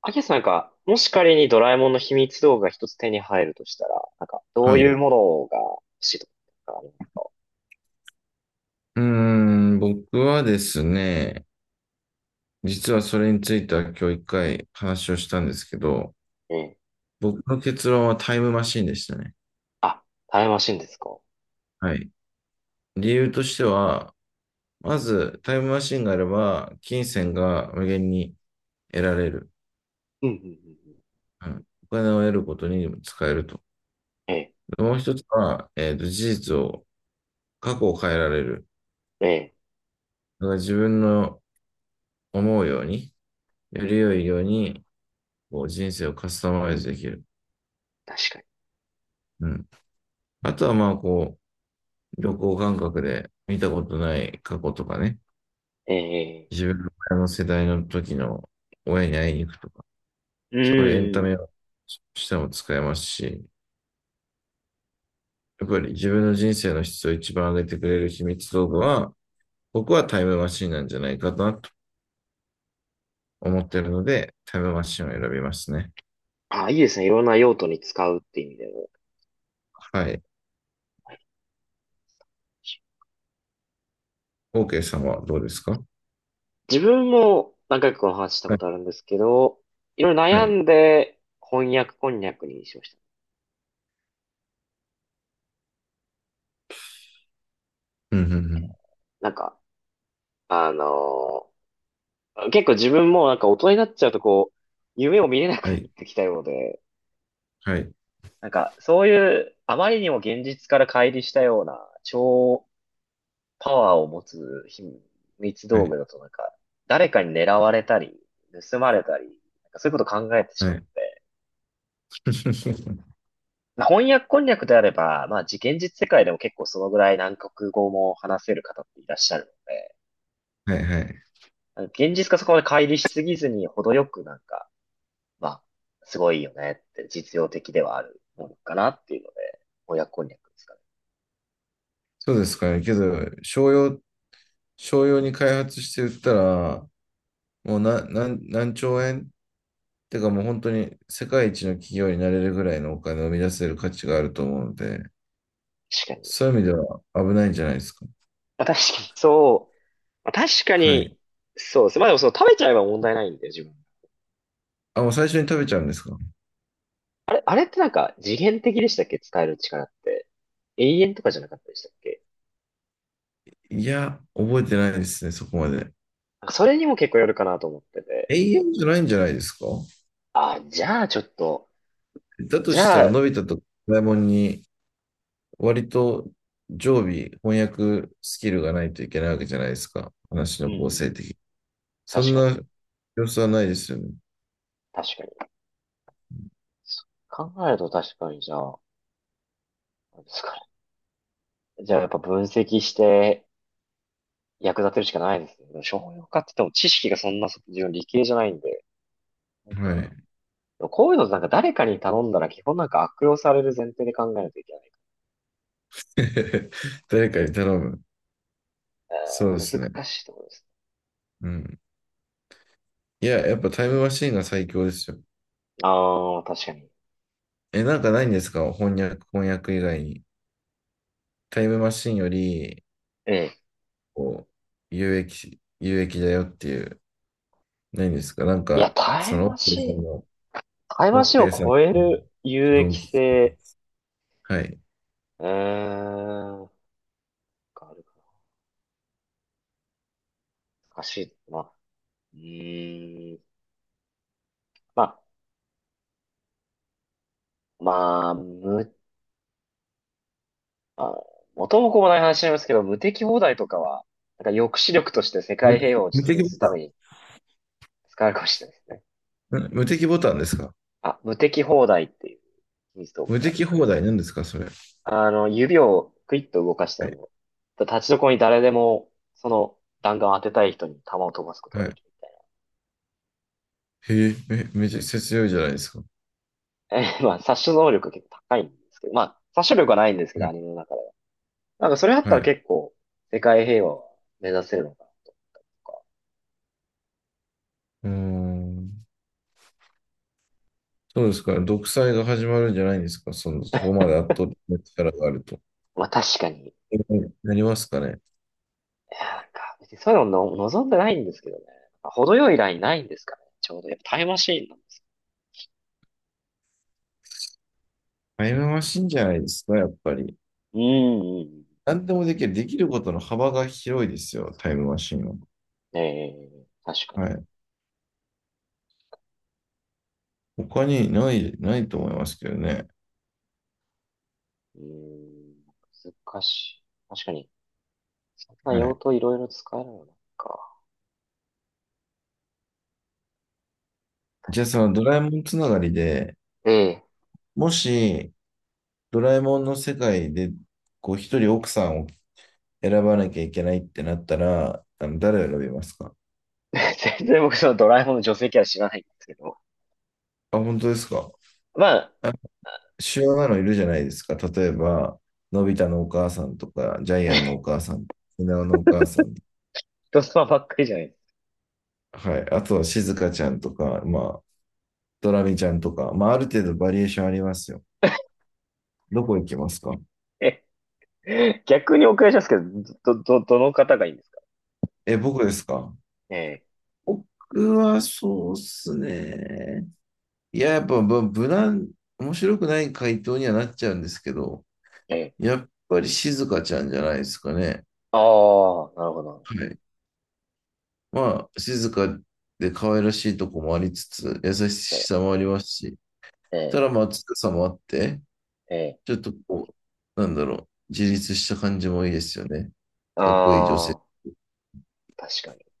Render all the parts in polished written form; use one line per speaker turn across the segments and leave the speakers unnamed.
アキラさんなんか、もし仮にドラえもんの秘密道具が一つ手に入るとしたら、なんか、どう
は
い
い。
うものが欲しいとかあります
僕はですね、実はそれについては今日一回話をしたんですけど、
かね。
僕の結論はタイムマシンでしたね。
あ、タイムマシンですか。
はい。理由としては、まずタイムマシンがあれば、金銭が無限に得られる。
うん、うん、うんうん。
うん、お金を得ることにも使えると。
ええ、
で、もう一つは、事実を、過去を変えられる。
ええ、
だから自分の思うように、より良いように、こう人生をカスタマイズできる。
確かに。
うん。あとはまあこう、旅行感覚で見たことない過去とかね、
ええ、
自分の親の世代の時の親に会いに行くとか、
え
そういうエン
え
タ
う
メ
ん。
をしても使えますし、やっぱり自分の人生の質を一番上げてくれる秘密道具は、僕はタイムマシンなんじゃないかなと思っているので、タイムマシンを選びますね。
あ、いいですね。いろんな用途に使うって意味でも。
はい。OK さんはどうですか？
自分も何回かこの話した
は
こ
い。
とあるんですけど、いろいろ
は
悩
い。
んで翻訳こんにゃくにしました。
うん、うん、うん。
なんか、あの結構自分もなんか大人になっちゃうとこう、夢を見れなく
は
なっ
い。
てきたようで、
はい。
なんか、そういう、あまりにも現実から乖離したような、超パワーを持つ秘密
は
道
い。
具だと、なんか、誰かに狙われたり、盗まれたり、なんかそういうこと考えてし
は
まっ
い。
て。まあ翻訳こんにゃくであれば、まあ、現実世界でも結構そのぐらい何国語も話せる方っていらっしゃるので、
はい。はい。
現実がそこまで乖離しすぎずに、程よくなんか、まあ、すごいよねって実用的ではあるものかなっていうので、翻訳こんにゃくですかね。
そうですかね。けど、商用に開発して売ったら、もうな、なん何兆円って、かもう本当に世界一の企業になれるぐらいのお金を生み出せる価値があると思うので、
確かに。
そういう意味では危ないんじゃないですか。
まあ確かに、そう。まあ、確か
はい。
に、そうですね。まあでもその食べちゃえば問題ないんで、自分。
あ、もう最初に食べちゃうんですか？
あれってなんか次元的でしたっけ？使える力って。永遠とかじゃなかったでしたっけ？
いや、覚えてないですね、そこまで。
なんかそれにも結構よるかなと思ってて。
永遠じゃないんじゃないですか？
あ、じゃあちょっと、
だと
じ
し
ゃ
たら、
あ、
のび太とドラえもんに割と常備翻訳スキルがないといけないわけじゃないですか。話
うん、
の
う
構
ん、
成的に。そ
確
ん
かに、
な様子はないですよね。
確かに。そう考えると確かにじゃあ、なんですかね。じゃあやっぱ分析して役立てるしかないですね。でも商用化って言っても知識がそんな、自分理系じゃないんで。なんか、
はい。
でもこういうのなんか誰かに頼んだら基本なんか悪用される前提で考えないといけない。
誰かに頼む。そうですね。
難しいところです。
うん。いや、やっぱタイムマシーンが最強ですよ。
ああ、確かに。
え、なんかないんですか？翻訳、翻訳以外に。タイムマシーンより、
ええ。
こう、有益だよっていう、ないんですかなん
いや、
か、
タ
そ
イム
の、オ
マ
ッケーさ
シ
ん
ン、
の、
タイム
オ
マ
ッ
シン
ケ
を
ーさんの。
超える有益性、
はい。
うーん、なんかあるかな。難しい。まあ、うーん、まあ、まあ、あ、元も子もない話になりますけど、無敵放題とかは、なんか抑止力として世
無
界平和を
無
実
敵
現
ボ
するため
タ
に使われるかもしれないですね。
ン。ん、無敵ボタンですか？
あ、無敵放題っていう秘密道具
無
が
敵放題なんですかそれ。
指をクイッと動かした
は
ら
い。
もう、立ちどころに誰でも、その弾丸を当てたい人に弾を飛ばすことが
は
で
い。
きるみ
へえ、めちゃくちゃ強いじゃないですか。
たいな。え、まあ、殺傷能力結構高いんですけど、まあ、殺傷力はないんですけ
は
ど、ア
い。
ニメの中で。なんかそれあっ
は
たら
い。
結構、世界平和を目指せるのかなとか。
うーん。そうですか。独裁が始まるんじゃないんですか。その、そこまで圧倒的な力があると。
まあ確かに、い
なりますかね。
やなんか、別にそういうのの望んでないんですけどね。程よいラインないんですかね。ちょうど。やっぱタイムマシーンなんです
タイムマシンじゃないですか、やっぱり。
けどうん、うん
何でもできる。できることの幅が広いですよ、タイムマシンは。
うん。ええ確か
は
に。
い。他にないと思いますけどね。
うーん、難しい。確かに。そんな
は
用
い。
途いろいろ使えるのなんか。確
じゃあ、そ
か
のドラえもんつながりで、
にええ。
もし、ドラえもんの世界で、こう、一人奥さんを選ばなきゃいけないってなったら、あの、誰を選びますか？
全然僕そのドラえもんの女性キャラ知らないんですけど。
あ、本当ですか。
まあ、
あ、主要なのいるじゃないですか。例えば、のび太のお母さんとか、ジャイアンのお 母さん、ひなおのお母さん、
人様ばっかりじゃないです？
はい。あとは、静香かちゃんとか、まあ、ドラミちゃんとか、まあ、ある程度バリエーションありますよ。どこ行きますか？
ええ逆にお伺いしますけど、どの方がいいんですか？
え、僕ですか？
え
僕はそうっすね。いや、やっぱ、無難、面白くない回答にはなっちゃうんですけど、
え、ええ。
やっぱり静香かちゃんじゃないですかね。
ああ、なるほ
は
ど。
い。まあ、静かで可愛らしいとこもありつつ、優しさもありますし、
え
た
え、
らまあ強さもあって、
ええ。
ちょっとこう、なんだろう、自立した感じもいいですよね。かっこいい女性。
ああ、確かに。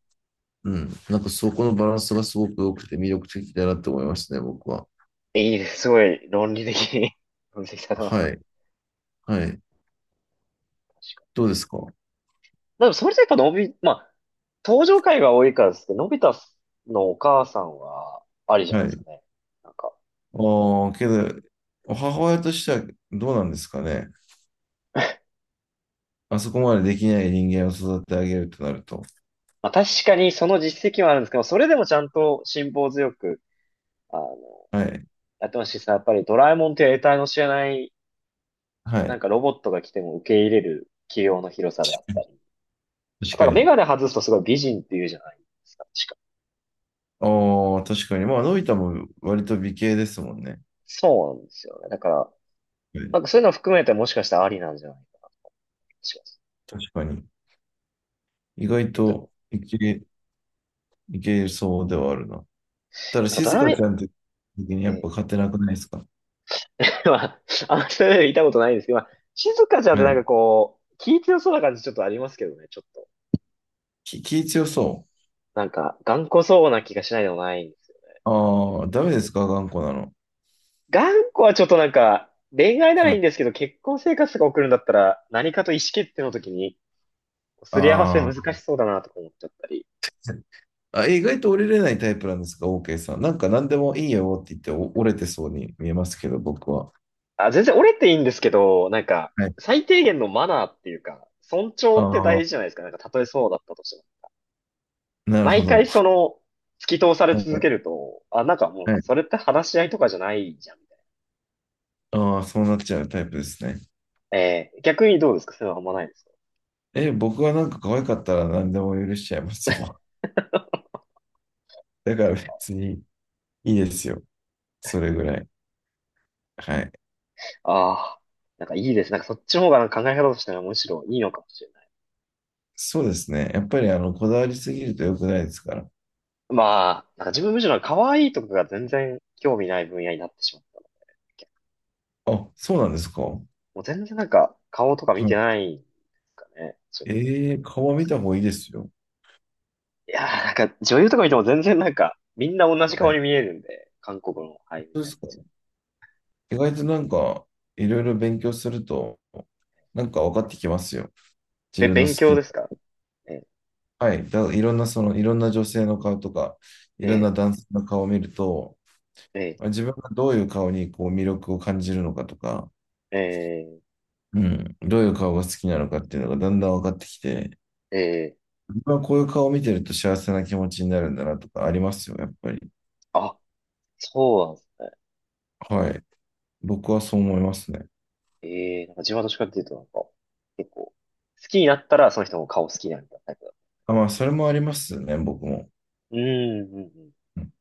うん。なんかそこのバランスがすごく良くて魅力的だなって思いましたね、僕は。
いいです。すごい論理的に 分析され ます
は
ね。
い。はい。
確かに。
どうですか？は
でもそれでやっぱまあ、登場回が多いからですけど、のび太のお母さんはありじゃないですか
い。
ね。なんか、
ああ、けど、母親としてはどうなんですかね。あそこまでできない人間を育ててあげるとなると。
まあ、確かにその実績はあるんですけど、それでもちゃんと辛抱強く、あの、
はい。
やってましたしさ、やっぱりドラえもんっていう得体の知れない、
は
な
い。
んかロボットが来ても受け入れる器用の広さであったり。あ
確
と
か
はメ
に。
ガネ外すとすごい美人って言うじゃないですか、確か。
ああ、確かに。まあ、のび太も割と美形ですもんね。
そうなんですよね。だから、
はい、
なんかそういうのを含めてもしかしたらありなんじゃないかな、します。
確かに。意外
えっと、
と、美形いけそうではあるな。ただ、
なんかド
静
ラ
香ち
メ、
ゃんって時にやっ
え
ぱ勝てなくないですか？
まあ、あんまり言いたことないんですけど、まあ、静香ちゃんっ
は
てなんか
い。
こう、気強そうな感じちょっとありますけどね、ちょっと。
気強そ
なんか、頑固そうな気がしないでもないんですよね。
う。
あの
ああ、ダメですか頑固なの。
頑固はちょっとなんか、恋愛なら
は
いいん
い。
ですけど、結婚生活とか送るんだったら、何かと意思決定の時に、すり合わせ
あ
難
ー
しそうだなとか思っちゃったり。
あ、意外と折れれないタイプなんですか？ OK さん。なんか何でもいいよって言って折れてそうに見えますけど、僕は。
あ、全然折れていいんですけど、なんか、
はい。
最低限のマナーっていうか、尊重
あ
って大
あ、
事じゃないですか。なんか、たとえそうだったとしても。
なるほ
毎回
ど。
突き通され続け
は
ると、あ、なんかもう、
い。
それって話し合いとかじゃないじゃん、みたい
ああ、そうなっちゃうタイプですね。
な。逆にどうですか？そういうのあんまないですか？
え、僕はなんか可愛かったら何でも許しちゃいますよ。だから別にいいですよ。それぐらい。はい。
ああー、なんかいいです。なんかそっちの方がなんか考え方としてはむしろいいのかもしれない。
そうですね。やっぱりあのこだわりすぎると良くないですから。
まあ、なんか自分むしろ可愛いとかが全然興味ない分野になってしまったんだっけ。
あ、そうなんですか。は
もう全然なんか顔とか見てないんですかね。そう
い、
いうと、
ええー、顔は
女
見
性
た方
と。
がいいですよ。
いやーなんか女優とか見ても全然なんかみんな同じ
はい。
顔に
本
見えるんで、韓国の俳優み
当で
たい
すか。
な。
意外となんか、いろいろ勉強すると、なんか分かってきますよ。自分の好
勉
き
強
な。
ですか？え、
はい。いろんな、その、いろんな女性の顔とか、いろんな
え、
男性の顔を見ると、
え、え、
自分がどういう顔にこう魅力を感じるのかとか、
え、
うん、どういう顔が好きなのかっていうのがだんだん分かってきて、
え、
まあこういう顔を見てると幸せな気持ちになるんだなとかありますよ、やっぱり。
あ、そうなんですね。
はい。僕はそう思いますね。
ええなんか自分はどっちかっていうとなんか、結構、好きになったらその人の顔好きになるみたいなタイプだ。
あ、まあ、それもありますね、僕も。
うん、うん、うん。
うん